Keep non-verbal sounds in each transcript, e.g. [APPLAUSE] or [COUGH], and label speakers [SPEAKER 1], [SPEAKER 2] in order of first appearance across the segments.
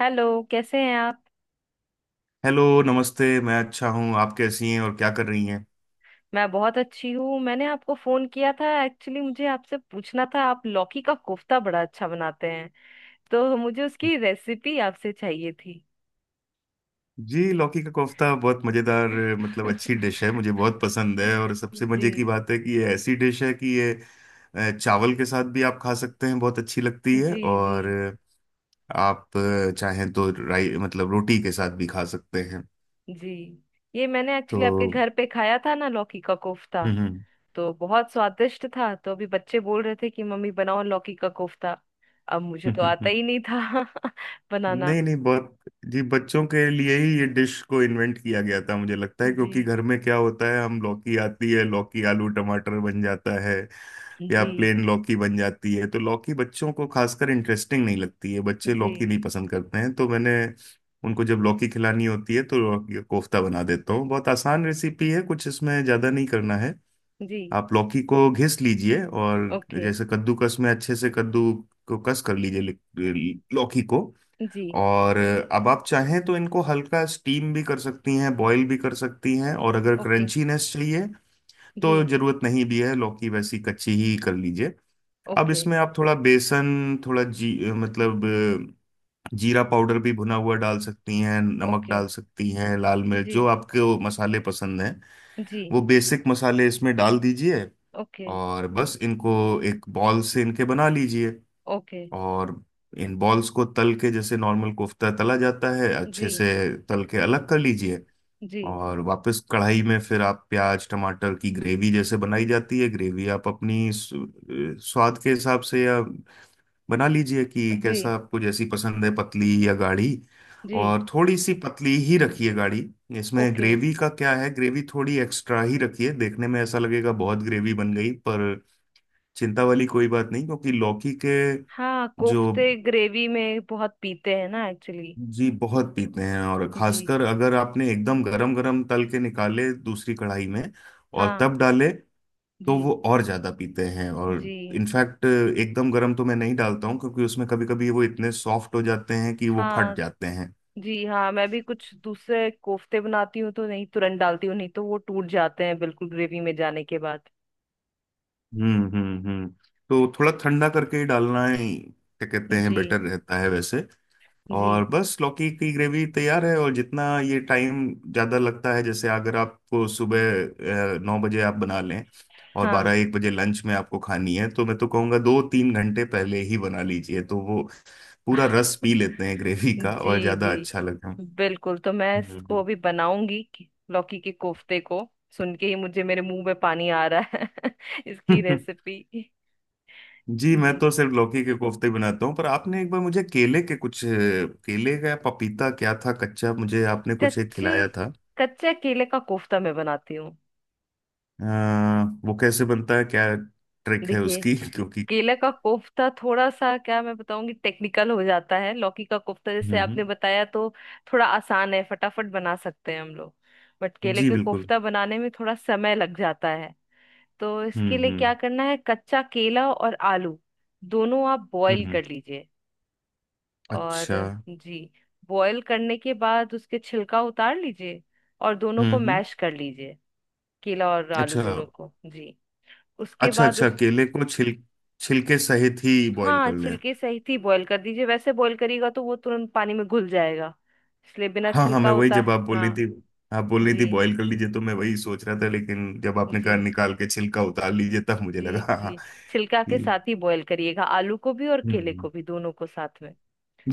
[SPEAKER 1] Hello. कैसे हैं आप।
[SPEAKER 2] हेलो, नमस्ते। मैं अच्छा हूँ। आप कैसी हैं और क्या कर रही हैं?
[SPEAKER 1] मैं बहुत अच्छी हूँ। मैंने आपको फोन किया था एक्चुअली, मुझे आपसे पूछना था, आप लौकी का कोफ्ता बड़ा अच्छा बनाते हैं, तो मुझे उसकी रेसिपी आपसे चाहिए थी।
[SPEAKER 2] जी, लौकी का कोफ्ता बहुत मज़ेदार मतलब अच्छी डिश है,
[SPEAKER 1] [LAUGHS]
[SPEAKER 2] मुझे बहुत पसंद है। और सबसे मज़े की
[SPEAKER 1] जी
[SPEAKER 2] बात है कि ये ऐसी डिश है कि ये चावल के साथ भी आप खा सकते हैं, बहुत अच्छी लगती है।
[SPEAKER 1] जी जी
[SPEAKER 2] और आप चाहें तो राई मतलब रोटी के साथ भी खा सकते हैं।
[SPEAKER 1] जी ये मैंने
[SPEAKER 2] तो
[SPEAKER 1] एक्चुअली आपके घर पे खाया था ना लौकी का कोफ्ता,
[SPEAKER 2] हम्म।
[SPEAKER 1] तो बहुत स्वादिष्ट था। तो अभी बच्चे बोल रहे थे कि मम्मी बनाओ लौकी का कोफ्ता, अब मुझे तो आता ही
[SPEAKER 2] [LAUGHS]
[SPEAKER 1] नहीं था [LAUGHS] बनाना।
[SPEAKER 2] नहीं नहीं, बहुत। जी, बच्चों के लिए ही ये डिश को इन्वेंट किया गया था मुझे लगता है,
[SPEAKER 1] जी
[SPEAKER 2] क्योंकि घर में क्या होता है, हम लौकी आती है, लौकी आलू टमाटर बन जाता है या
[SPEAKER 1] जी
[SPEAKER 2] प्लेन लौकी बन जाती है। तो लौकी बच्चों को खासकर इंटरेस्टिंग नहीं लगती है, बच्चे
[SPEAKER 1] जी
[SPEAKER 2] लौकी नहीं पसंद करते हैं। तो मैंने उनको जब लौकी खिलानी होती है तो लौकी का कोफ्ता बना देता हूँ। बहुत आसान रेसिपी है, कुछ इसमें ज़्यादा नहीं करना है।
[SPEAKER 1] जी
[SPEAKER 2] आप लौकी को घिस लीजिए, और
[SPEAKER 1] ओके।
[SPEAKER 2] जैसे कद्दूकस में अच्छे से कद्दू को कस कर लीजिए लौकी को।
[SPEAKER 1] जी।
[SPEAKER 2] और अब आप चाहें तो इनको हल्का स्टीम भी कर सकती हैं, बॉईल भी कर सकती हैं, और अगर
[SPEAKER 1] ओके।
[SPEAKER 2] क्रंचीनेस चाहिए तो
[SPEAKER 1] जी।
[SPEAKER 2] जरूरत नहीं भी है, लौकी वैसी कच्ची ही कर लीजिए। अब
[SPEAKER 1] ओके।
[SPEAKER 2] इसमें आप थोड़ा बेसन, थोड़ा जी मतलब जीरा पाउडर भी भुना हुआ डाल सकती हैं, नमक
[SPEAKER 1] ओके।
[SPEAKER 2] डाल सकती हैं, लाल मिर्च,
[SPEAKER 1] जी।
[SPEAKER 2] जो आपके वो मसाले पसंद हैं
[SPEAKER 1] जी।
[SPEAKER 2] वो बेसिक मसाले इसमें डाल दीजिए।
[SPEAKER 1] ओके।
[SPEAKER 2] और बस इनको एक बॉल से इनके बना लीजिए।
[SPEAKER 1] ओके।
[SPEAKER 2] और इन बॉल्स को तल के, जैसे नॉर्मल कोफ्ता तला जाता है,
[SPEAKER 1] जी
[SPEAKER 2] अच्छे से तल के अलग कर लीजिए।
[SPEAKER 1] जी
[SPEAKER 2] और वापस कढ़ाई में फिर आप प्याज टमाटर की ग्रेवी जैसे बनाई जाती है, ग्रेवी आप अपनी स्वाद के हिसाब से या बना लीजिए कि कैसा
[SPEAKER 1] जी
[SPEAKER 2] आपको जैसी पसंद है, पतली या गाढ़ी।
[SPEAKER 1] जी
[SPEAKER 2] और थोड़ी सी पतली ही रखिए, गाढ़ी इसमें
[SPEAKER 1] ओके।
[SPEAKER 2] ग्रेवी का क्या है, ग्रेवी थोड़ी एक्स्ट्रा ही रखिए। देखने में ऐसा लगेगा बहुत ग्रेवी बन गई, पर चिंता वाली कोई बात नहीं, क्योंकि लौकी के
[SPEAKER 1] हाँ,
[SPEAKER 2] जो,
[SPEAKER 1] कोफ्ते ग्रेवी में बहुत पीते हैं ना एक्चुअली।
[SPEAKER 2] जी बहुत पीते हैं। और
[SPEAKER 1] जी
[SPEAKER 2] खासकर अगर आपने एकदम गरम गरम तल के निकाले दूसरी कढ़ाई में और
[SPEAKER 1] हाँ।
[SPEAKER 2] तब डाले, तो
[SPEAKER 1] जी।
[SPEAKER 2] वो और ज्यादा पीते हैं। और
[SPEAKER 1] जी
[SPEAKER 2] इनफैक्ट एकदम गरम तो मैं नहीं डालता हूँ, क्योंकि उसमें कभी कभी वो इतने सॉफ्ट हो जाते हैं कि वो फट
[SPEAKER 1] हाँ।
[SPEAKER 2] जाते हैं।
[SPEAKER 1] जी हाँ, मैं भी कुछ दूसरे कोफ्ते बनाती हूँ तो नहीं तुरंत डालती हूँ, नहीं तो वो टूट जाते हैं बिल्कुल ग्रेवी में जाने के बाद।
[SPEAKER 2] हम्म हम्म हम्म तो थोड़ा ठंडा करके ही डालना ही, क्या कहते हैं,
[SPEAKER 1] जी।
[SPEAKER 2] बेटर रहता है वैसे।
[SPEAKER 1] जी
[SPEAKER 2] और बस लौकी की ग्रेवी तैयार है। और जितना ये टाइम ज़्यादा लगता है, जैसे अगर आपको सुबह 9 बजे आप बना लें और
[SPEAKER 1] हाँ।
[SPEAKER 2] 12-1 बजे लंच में आपको खानी है, तो मैं तो कहूँगा 2-3 घंटे पहले ही बना लीजिए तो वो पूरा रस पी लेते हैं ग्रेवी का, और
[SPEAKER 1] जी।
[SPEAKER 2] ज़्यादा अच्छा लगता है।
[SPEAKER 1] जी बिल्कुल, तो मैं इसको
[SPEAKER 2] हम्म।
[SPEAKER 1] अभी बनाऊंगी, लौकी के कोफ्ते को सुन के ही मुझे मेरे मुंह में पानी आ रहा है [LAUGHS] इसकी
[SPEAKER 2] [LAUGHS]
[SPEAKER 1] रेसिपी।
[SPEAKER 2] जी, मैं
[SPEAKER 1] जी।
[SPEAKER 2] तो सिर्फ लौकी के कोफ्ते बनाता हूँ। पर आपने एक बार मुझे केले के कुछ केले का या पपीता क्या था, कच्चा, मुझे आपने कुछ एक
[SPEAKER 1] कच्चे,
[SPEAKER 2] खिलाया था।
[SPEAKER 1] कच्चे केले का कोफ्ता मैं बनाती हूँ।
[SPEAKER 2] वो कैसे बनता है, क्या ट्रिक है
[SPEAKER 1] देखिए,
[SPEAKER 2] उसकी? [LAUGHS] क्योंकि
[SPEAKER 1] केले का कोफ्ता थोड़ा सा क्या मैं बताऊंगी, टेक्निकल हो जाता है। लौकी का कोफ्ता
[SPEAKER 2] हम्म
[SPEAKER 1] जैसे
[SPEAKER 2] हम्म,
[SPEAKER 1] आपने बताया तो थोड़ा आसान है, फटाफट बना सकते हैं हम लोग। बट केले
[SPEAKER 2] जी
[SPEAKER 1] के
[SPEAKER 2] बिल्कुल।
[SPEAKER 1] कोफ्ता बनाने में थोड़ा समय लग जाता है। तो
[SPEAKER 2] हम्म
[SPEAKER 1] इसके लिए क्या
[SPEAKER 2] हम्म
[SPEAKER 1] करना है, कच्चा केला और आलू दोनों आप बॉईल
[SPEAKER 2] हम्म।
[SPEAKER 1] कर लीजिए। और
[SPEAKER 2] अच्छा।
[SPEAKER 1] जी, बॉईल करने के बाद उसके छिलका उतार लीजिए और दोनों को
[SPEAKER 2] हम्म।
[SPEAKER 1] मैश कर लीजिए, केला और आलू
[SPEAKER 2] अच्छा
[SPEAKER 1] दोनों को। जी, उसके
[SPEAKER 2] अच्छा।
[SPEAKER 1] बाद
[SPEAKER 2] अच्छा,
[SPEAKER 1] उस,
[SPEAKER 2] केले को छिलके सहित ही बॉईल
[SPEAKER 1] हाँ
[SPEAKER 2] कर लें?
[SPEAKER 1] छिलके सहित ही बॉईल कर दीजिए। वैसे बॉईल करिएगा तो वो तुरंत पानी में घुल जाएगा, इसलिए बिना
[SPEAKER 2] हाँ हाँ,
[SPEAKER 1] छिलका
[SPEAKER 2] मैं वही
[SPEAKER 1] उतार।
[SPEAKER 2] जब आप बोल रही थी,
[SPEAKER 1] हाँ।
[SPEAKER 2] आप बोल रही थी
[SPEAKER 1] जी
[SPEAKER 2] बॉईल कर लीजिए तो मैं वही सोच रहा था, लेकिन जब आपने
[SPEAKER 1] जी
[SPEAKER 2] कहा निकाल के छिलका उतार लीजिए तब मुझे लगा
[SPEAKER 1] जी
[SPEAKER 2] हाँ हाँ,
[SPEAKER 1] जी छिलका के
[SPEAKER 2] कि
[SPEAKER 1] साथ ही बॉईल करिएगा, आलू को भी और केले
[SPEAKER 2] हम्म।
[SPEAKER 1] को भी, दोनों को साथ में।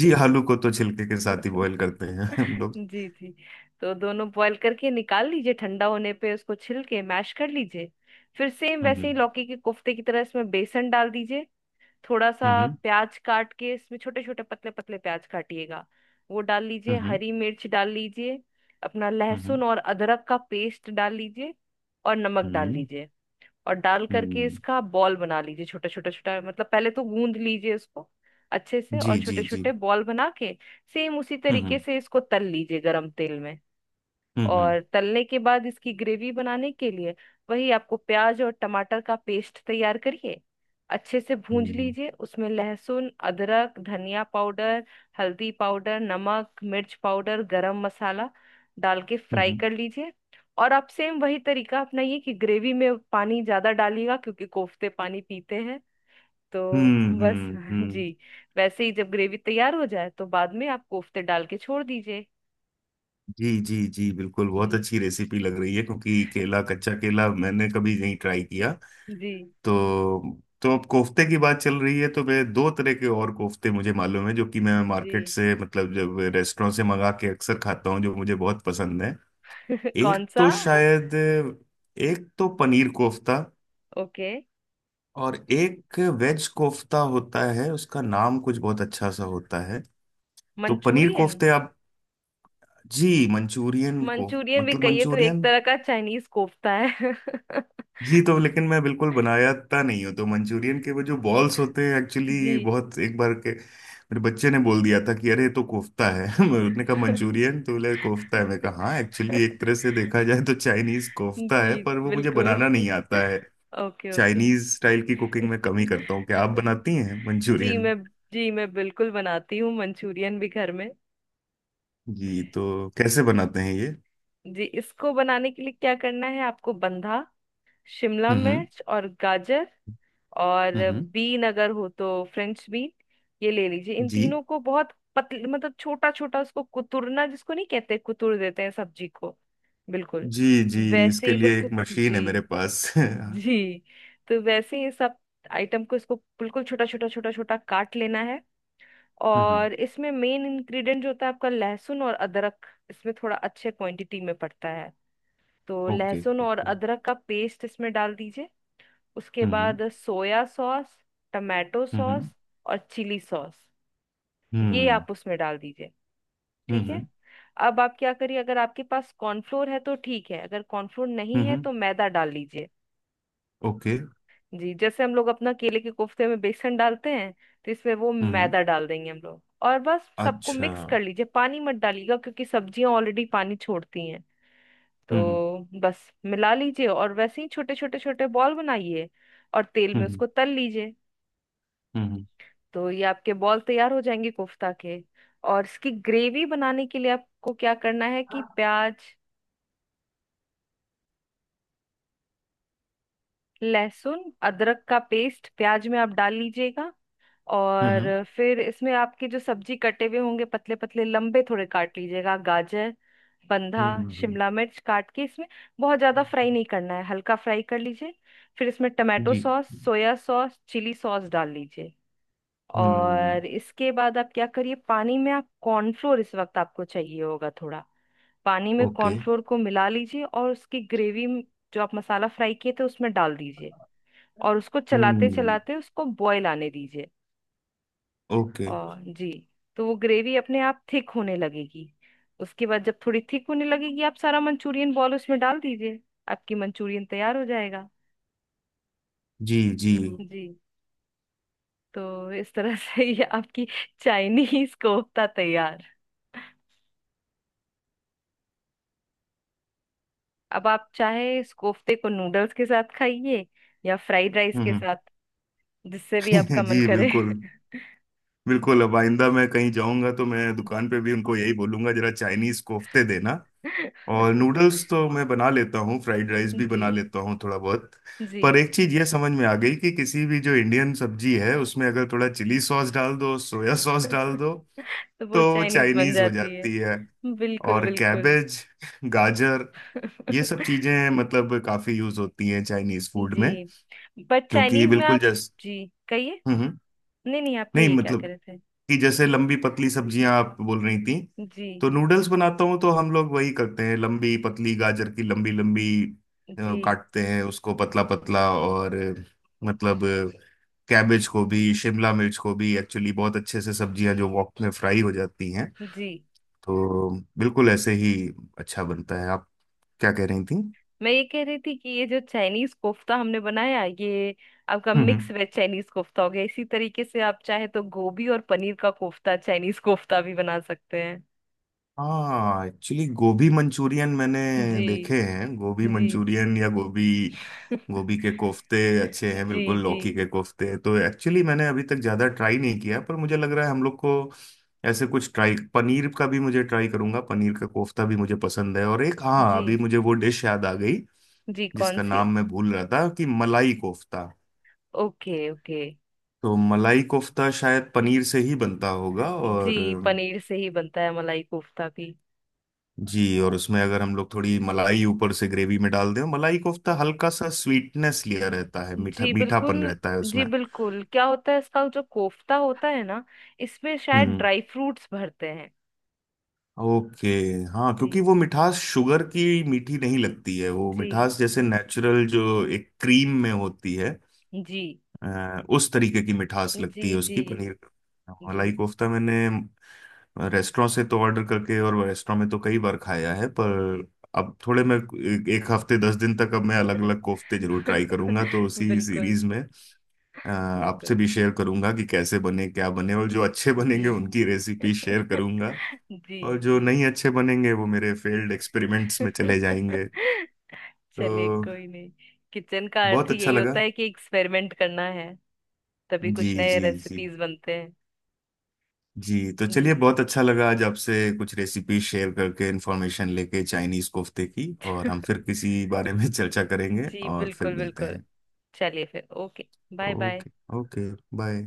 [SPEAKER 2] जी, आलू को तो छिलके के साथ ही बॉईल
[SPEAKER 1] [LAUGHS]
[SPEAKER 2] करते हैं [LAUGHS] हम लोग।
[SPEAKER 1] जी जी। तो दोनों बॉईल करके निकाल लीजिए, ठंडा होने पे उसको छिल के मैश कर लीजिए। फिर सेम वैसे
[SPEAKER 2] हम्म
[SPEAKER 1] ही लौकी के कोफ्ते की तरह इसमें बेसन डाल दीजिए। थोड़ा सा
[SPEAKER 2] हम्म
[SPEAKER 1] प्याज काट के इसमें, छोटे छोटे पतले पतले प्याज काटिएगा, वो डाल
[SPEAKER 2] हम्म
[SPEAKER 1] लीजिए।
[SPEAKER 2] हम्म
[SPEAKER 1] हरी मिर्च डाल लीजिए, अपना
[SPEAKER 2] हम्म
[SPEAKER 1] लहसुन और अदरक का पेस्ट डाल लीजिए, और नमक
[SPEAKER 2] हम्म
[SPEAKER 1] डाल
[SPEAKER 2] हम्म,
[SPEAKER 1] लीजिए। और डाल करके
[SPEAKER 2] हम्म,
[SPEAKER 1] इसका बॉल बना लीजिए छोटा छोटा छोटा, मतलब पहले तो गूंद लीजिए इसको अच्छे से और
[SPEAKER 2] जी
[SPEAKER 1] छोटे
[SPEAKER 2] जी जी।
[SPEAKER 1] छोटे बॉल बना के सेम उसी तरीके
[SPEAKER 2] हम्म
[SPEAKER 1] से इसको तल लीजिए गरम तेल में।
[SPEAKER 2] हम्म हम्म
[SPEAKER 1] और तलने के बाद इसकी ग्रेवी बनाने के लिए वही आपको प्याज और टमाटर का पेस्ट तैयार करिए, अच्छे से भूंज
[SPEAKER 2] हम्म
[SPEAKER 1] लीजिए, उसमें लहसुन, अदरक, धनिया पाउडर, हल्दी पाउडर, नमक, मिर्च पाउडर, गरम मसाला डाल के फ्राई
[SPEAKER 2] हम्म
[SPEAKER 1] कर लीजिए। और आप सेम वही तरीका अपनाइए कि ग्रेवी में पानी ज्यादा डालिएगा क्योंकि कोफ्ते पानी पीते हैं। तो
[SPEAKER 2] हम्म
[SPEAKER 1] बस [LAUGHS]
[SPEAKER 2] हम्म, हम्म,
[SPEAKER 1] जी, वैसे ही जब ग्रेवी तैयार हो जाए तो बाद में आप कोफ्ते डाल के छोड़ दीजिए।
[SPEAKER 2] जी जी जी, बिल्कुल। बहुत
[SPEAKER 1] जी।
[SPEAKER 2] अच्छी रेसिपी लग रही है, क्योंकि केला,
[SPEAKER 1] [LAUGHS]
[SPEAKER 2] कच्चा केला मैंने कभी नहीं ट्राई किया।
[SPEAKER 1] जी।
[SPEAKER 2] तो तो अब कोफ्ते की बात चल रही है, तो मैं दो तरह के और कोफ्ते मुझे मालूम है जो कि मैं
[SPEAKER 1] जी।
[SPEAKER 2] मार्केट से मतलब जब रेस्टोरेंट से मंगा के अक्सर खाता हूँ, जो मुझे बहुत पसंद है।
[SPEAKER 1] [LAUGHS]
[SPEAKER 2] एक
[SPEAKER 1] कौन सा।
[SPEAKER 2] तो शायद एक तो पनीर कोफ्ता,
[SPEAKER 1] ओके।
[SPEAKER 2] और एक वेज कोफ्ता होता है, उसका नाम कुछ बहुत अच्छा सा होता है। तो पनीर
[SPEAKER 1] मंचूरियन। हम्म।
[SPEAKER 2] कोफ्ते आप, जी मंचूरियन को
[SPEAKER 1] मंचूरियन भी
[SPEAKER 2] मतलब
[SPEAKER 1] कहिए तो एक
[SPEAKER 2] मंचूरियन।
[SPEAKER 1] तरह का चाइनीज कोफ्ता है। [LAUGHS]
[SPEAKER 2] जी, तो लेकिन मैं बिल्कुल बनायाता नहीं हूँ, तो मंचूरियन के वो जो बॉल्स होते हैं
[SPEAKER 1] जी।
[SPEAKER 2] एक्चुअली बहुत, एक बार के मेरे बच्चे ने बोल दिया था कि अरे ये तो कोफ्ता है। [LAUGHS] उसने कहा
[SPEAKER 1] [LAUGHS]
[SPEAKER 2] मंचूरियन, तो बोले कोफ्ता है, मैं कहा हाँ एक्चुअली एक तरह से देखा जाए तो चाइनीज कोफ्ता
[SPEAKER 1] जी
[SPEAKER 2] है, पर वो मुझे
[SPEAKER 1] बिल्कुल।
[SPEAKER 2] बनाना नहीं
[SPEAKER 1] [LAUGHS]
[SPEAKER 2] आता है।
[SPEAKER 1] Okay okay.
[SPEAKER 2] चाइनीज स्टाइल की कुकिंग मैं कम ही
[SPEAKER 1] [LAUGHS]
[SPEAKER 2] करता हूँ, क्या आप बनाती हैं
[SPEAKER 1] जी
[SPEAKER 2] मंचूरियन?
[SPEAKER 1] मैं जी मैं बिल्कुल बनाती हूँ मंचूरियन भी घर में।
[SPEAKER 2] जी, तो कैसे बनाते हैं ये?
[SPEAKER 1] जी, इसको बनाने के लिए क्या करना है, आपको बंधा, शिमला
[SPEAKER 2] हम्म
[SPEAKER 1] मिर्च और गाजर,
[SPEAKER 2] हम्म
[SPEAKER 1] और
[SPEAKER 2] हम्म,
[SPEAKER 1] बीन अगर हो तो फ्रेंच बीन, ये ले लीजिए। इन
[SPEAKER 2] जी
[SPEAKER 1] तीनों को बहुत पतले, मतलब छोटा छोटा, उसको कुतुरना जिसको नहीं कहते, कुतुर देते हैं सब्जी को, बिल्कुल
[SPEAKER 2] जी जी।
[SPEAKER 1] वैसे
[SPEAKER 2] इसके
[SPEAKER 1] ही,
[SPEAKER 2] लिए एक
[SPEAKER 1] बिल्कुल।
[SPEAKER 2] मशीन है मेरे
[SPEAKER 1] जी
[SPEAKER 2] पास। [LAUGHS] हम्म।
[SPEAKER 1] जी, तो वैसे ही सब आइटम को इसको बिल्कुल छोटा छोटा छोटा छोटा काट लेना है। और इसमें मेन इंग्रेडिएंट जो होता है आपका लहसुन और अदरक, इसमें थोड़ा अच्छे क्वांटिटी में पड़ता है। तो
[SPEAKER 2] ओके
[SPEAKER 1] लहसुन और
[SPEAKER 2] ओके।
[SPEAKER 1] अदरक का पेस्ट इसमें डाल दीजिए। उसके
[SPEAKER 2] हम्म हम्म
[SPEAKER 1] बाद soya sauce, tomato
[SPEAKER 2] hmm
[SPEAKER 1] sauce, और चिली सॉस, ये
[SPEAKER 2] हम्म
[SPEAKER 1] आप उसमें डाल दीजिए,
[SPEAKER 2] हम्म
[SPEAKER 1] ठीक है।
[SPEAKER 2] हम्म,
[SPEAKER 1] अब आप क्या करिए, अगर आपके पास कॉर्नफ्लोर है तो ठीक है, अगर कॉर्नफ्लोर नहीं
[SPEAKER 2] हम्म,
[SPEAKER 1] है
[SPEAKER 2] हम्म,
[SPEAKER 1] तो मैदा डाल लीजिए।
[SPEAKER 2] ओके।
[SPEAKER 1] जी, जैसे हम लोग अपना केले के कोफ्ते में बेसन डालते हैं, तो इसमें वो
[SPEAKER 2] हम्म हम्म,
[SPEAKER 1] मैदा डाल देंगे हम लोग। और बस सबको
[SPEAKER 2] अच्छा।
[SPEAKER 1] मिक्स कर लीजिए, पानी मत डालिएगा क्योंकि सब्जियां ऑलरेडी पानी छोड़ती हैं।
[SPEAKER 2] हम्म
[SPEAKER 1] तो बस मिला लीजिए और वैसे ही छोटे छोटे छोटे बॉल बनाइए और तेल में
[SPEAKER 2] हम्म
[SPEAKER 1] उसको तल लीजिए।
[SPEAKER 2] हम्म
[SPEAKER 1] तो ये आपके बॉल तैयार हो जाएंगे कोफ्ता के। और इसकी ग्रेवी बनाने के लिए आपको क्या करना है कि प्याज, लहसुन, अदरक का पेस्ट प्याज में आप डाल लीजिएगा। और
[SPEAKER 2] हम्म।
[SPEAKER 1] फिर इसमें आपके जो सब्जी कटे हुए होंगे, पतले पतले लंबे थोड़े काट लीजिएगा गाजर, बंधा, शिमला मिर्च काट के इसमें, बहुत ज्यादा फ्राई नहीं करना है, हल्का फ्राई कर लीजिए। फिर इसमें टमाटो
[SPEAKER 2] जी
[SPEAKER 1] सॉस,
[SPEAKER 2] जी।
[SPEAKER 1] सोया सॉस, चिली सॉस डाल लीजिए।
[SPEAKER 2] हम्म।
[SPEAKER 1] और इसके बाद आप क्या करिए, पानी में आप कॉर्नफ्लोर, इस वक्त आपको चाहिए होगा थोड़ा, पानी में
[SPEAKER 2] ओके।
[SPEAKER 1] कॉर्नफ्लोर को मिला लीजिए और उसकी ग्रेवी जो आप मसाला फ्राई किए थे उसमें डाल दीजिए। और उसको चलाते
[SPEAKER 2] हम्म।
[SPEAKER 1] चलाते उसको बॉयल आने दीजिए।
[SPEAKER 2] ओके।
[SPEAKER 1] और जी, तो वो ग्रेवी अपने आप थिक होने लगेगी। उसके बाद जब थोड़ी थिक होने लगेगी आप सारा मंचूरियन बॉल उसमें डाल दीजिए। आपकी मंचूरियन तैयार हो जाएगा।
[SPEAKER 2] जी जी।
[SPEAKER 1] जी, तो इस तरह से [LAUGHS] ये आपकी चाइनीज कोफ्ता तैयार। अब आप चाहे इस कोफ्ते को नूडल्स के साथ खाइए या फ्राइड राइस के
[SPEAKER 2] हम्म।
[SPEAKER 1] साथ, जिससे भी आपका
[SPEAKER 2] [LAUGHS]
[SPEAKER 1] मन
[SPEAKER 2] जी
[SPEAKER 1] करे।
[SPEAKER 2] बिल्कुल। बिल्कुल, अब आइंदा मैं कहीं जाऊंगा तो मैं दुकान पे भी उनको यही बोलूंगा, जरा चाइनीज कोफ्ते देना। और
[SPEAKER 1] [LAUGHS]
[SPEAKER 2] नूडल्स तो मैं बना लेता हूँ, फ्राइड राइस भी
[SPEAKER 1] जी
[SPEAKER 2] बना लेता हूँ थोड़ा बहुत।
[SPEAKER 1] जी।
[SPEAKER 2] पर एक चीज ये समझ में आ गई कि किसी भी जो इंडियन सब्जी है उसमें अगर थोड़ा चिली सॉस डाल दो, सोया सॉस डाल दो,
[SPEAKER 1] [LAUGHS] तो वो
[SPEAKER 2] तो
[SPEAKER 1] चाइनीज बन
[SPEAKER 2] चाइनीज हो
[SPEAKER 1] जाती है।
[SPEAKER 2] जाती है।
[SPEAKER 1] बिल्कुल
[SPEAKER 2] और
[SPEAKER 1] बिल्कुल।
[SPEAKER 2] कैबेज, गाजर, ये सब
[SPEAKER 1] [LAUGHS]
[SPEAKER 2] चीजें मतलब काफी यूज होती हैं चाइनीज फूड में,
[SPEAKER 1] जी, बट
[SPEAKER 2] क्योंकि
[SPEAKER 1] चाइनीज में
[SPEAKER 2] बिल्कुल
[SPEAKER 1] आप।
[SPEAKER 2] जैस
[SPEAKER 1] जी कहिए।
[SPEAKER 2] हम्म हम्म।
[SPEAKER 1] नहीं नहीं, आप
[SPEAKER 2] नहीं
[SPEAKER 1] कहिए, क्या कह
[SPEAKER 2] मतलब,
[SPEAKER 1] रहे थे।
[SPEAKER 2] कि जैसे लंबी पतली सब्जियां आप बोल रही थी,
[SPEAKER 1] जी
[SPEAKER 2] तो नूडल्स बनाता हूँ तो हम लोग वही करते हैं, लंबी पतली गाजर की लंबी लंबी
[SPEAKER 1] जी
[SPEAKER 2] काटते हैं उसको पतला पतला और मतलब कैबेज को भी शिमला मिर्च को भी एक्चुअली बहुत अच्छे से सब्जियां जो वॉक में फ्राई हो जाती हैं
[SPEAKER 1] जी
[SPEAKER 2] तो बिल्कुल ऐसे ही अच्छा बनता है। आप क्या कह रही थी?
[SPEAKER 1] मैं ये कह रही थी कि ये जो चाइनीज कोफ्ता हमने बनाया, ये आपका मिक्स
[SPEAKER 2] हम्म।
[SPEAKER 1] वेज चाइनीज कोफ्ता हो गया। इसी तरीके से आप चाहे तो गोभी और पनीर का कोफ्ता, चाइनीज कोफ्ता भी बना सकते हैं।
[SPEAKER 2] हाँ एक्चुअली गोभी मंचूरियन मैंने
[SPEAKER 1] जी
[SPEAKER 2] देखे हैं, गोभी
[SPEAKER 1] जी।
[SPEAKER 2] मंचूरियन या गोभी,
[SPEAKER 1] [LAUGHS]
[SPEAKER 2] गोभी के कोफ्ते अच्छे हैं।
[SPEAKER 1] जी
[SPEAKER 2] बिल्कुल,
[SPEAKER 1] जी
[SPEAKER 2] लौकी के कोफ्ते तो एक्चुअली मैंने अभी तक ज़्यादा ट्राई नहीं किया, पर मुझे लग रहा है हम लोग को ऐसे कुछ ट्राई, पनीर का भी मुझे ट्राई करूंगा, पनीर का कोफ्ता भी मुझे पसंद है। और एक हाँ
[SPEAKER 1] जी
[SPEAKER 2] अभी मुझे वो डिश याद आ गई
[SPEAKER 1] जी कौन
[SPEAKER 2] जिसका
[SPEAKER 1] सी।
[SPEAKER 2] नाम मैं भूल रहा था कि मलाई कोफ्ता।
[SPEAKER 1] Okay okay.
[SPEAKER 2] तो मलाई कोफ्ता शायद पनीर से ही बनता होगा, और
[SPEAKER 1] जी, पनीर से ही बनता है मलाई कोफ्ता भी।
[SPEAKER 2] जी। और उसमें अगर हम लोग थोड़ी मलाई ऊपर से ग्रेवी में डाल दें, मलाई कोफ्ता हल्का सा स्वीटनेस लिया रहता है, मीठा
[SPEAKER 1] जी बिल्कुल।
[SPEAKER 2] मीठापन रहता है
[SPEAKER 1] जी
[SPEAKER 2] उसमें।
[SPEAKER 1] बिल्कुल, क्या होता है इसका जो कोफ्ता होता है ना, इसमें शायद
[SPEAKER 2] हम्म।
[SPEAKER 1] ड्राई फ्रूट्स भरते हैं।
[SPEAKER 2] ओके। हाँ, क्योंकि
[SPEAKER 1] जी
[SPEAKER 2] वो मिठास शुगर की मीठी नहीं लगती है, वो
[SPEAKER 1] जी
[SPEAKER 2] मिठास जैसे नेचुरल जो एक क्रीम में होती है,
[SPEAKER 1] जी
[SPEAKER 2] उस तरीके की मिठास
[SPEAKER 1] जी
[SPEAKER 2] लगती है
[SPEAKER 1] जी
[SPEAKER 2] उसकी, पनीर। हाँ, मलाई
[SPEAKER 1] जी
[SPEAKER 2] कोफ्ता मैंने रेस्टोरेंट से तो ऑर्डर करके और रेस्टोरेंट में तो कई बार खाया है, पर अब थोड़े मैं एक एक हफ्ते 10 दिन तक अब मैं अलग अलग कोफ्ते जरूर ट्राई करूंगा, तो
[SPEAKER 1] [LAUGHS]
[SPEAKER 2] उसी
[SPEAKER 1] बिल्कुल
[SPEAKER 2] सीरीज में
[SPEAKER 1] बिल्कुल।
[SPEAKER 2] आपसे भी शेयर करूंगा कि कैसे बने क्या बने, और जो अच्छे
[SPEAKER 1] जी।
[SPEAKER 2] बनेंगे उनकी रेसिपी
[SPEAKER 1] [LAUGHS]
[SPEAKER 2] शेयर करूंगा।
[SPEAKER 1] जी
[SPEAKER 2] और जो
[SPEAKER 1] जी।
[SPEAKER 2] नहीं अच्छे बनेंगे वो मेरे फेल्ड एक्सपेरिमेंट्स में चले जाएंगे।
[SPEAKER 1] [LAUGHS] चलिए,
[SPEAKER 2] तो
[SPEAKER 1] कोई नहीं, किचन का अर्थ
[SPEAKER 2] बहुत
[SPEAKER 1] ही
[SPEAKER 2] अच्छा
[SPEAKER 1] यही
[SPEAKER 2] लगा।
[SPEAKER 1] होता है कि एक्सपेरिमेंट करना है, तभी
[SPEAKER 2] जी
[SPEAKER 1] कुछ नए
[SPEAKER 2] जी। जी,
[SPEAKER 1] रेसिपीज बनते हैं।
[SPEAKER 2] जी तो
[SPEAKER 1] जी।
[SPEAKER 2] चलिए बहुत अच्छा लगा आज आपसे कुछ रेसिपी शेयर करके, इंफॉर्मेशन लेके चाइनीज कोफ्ते की। और हम फिर
[SPEAKER 1] [LAUGHS]
[SPEAKER 2] किसी बारे में [LAUGHS] चर्चा करेंगे
[SPEAKER 1] जी
[SPEAKER 2] और फिर
[SPEAKER 1] बिल्कुल
[SPEAKER 2] मिलते
[SPEAKER 1] बिल्कुल।
[SPEAKER 2] हैं।
[SPEAKER 1] चलिए फिर, okay, bye bye.
[SPEAKER 2] Okay. Okay. Bye.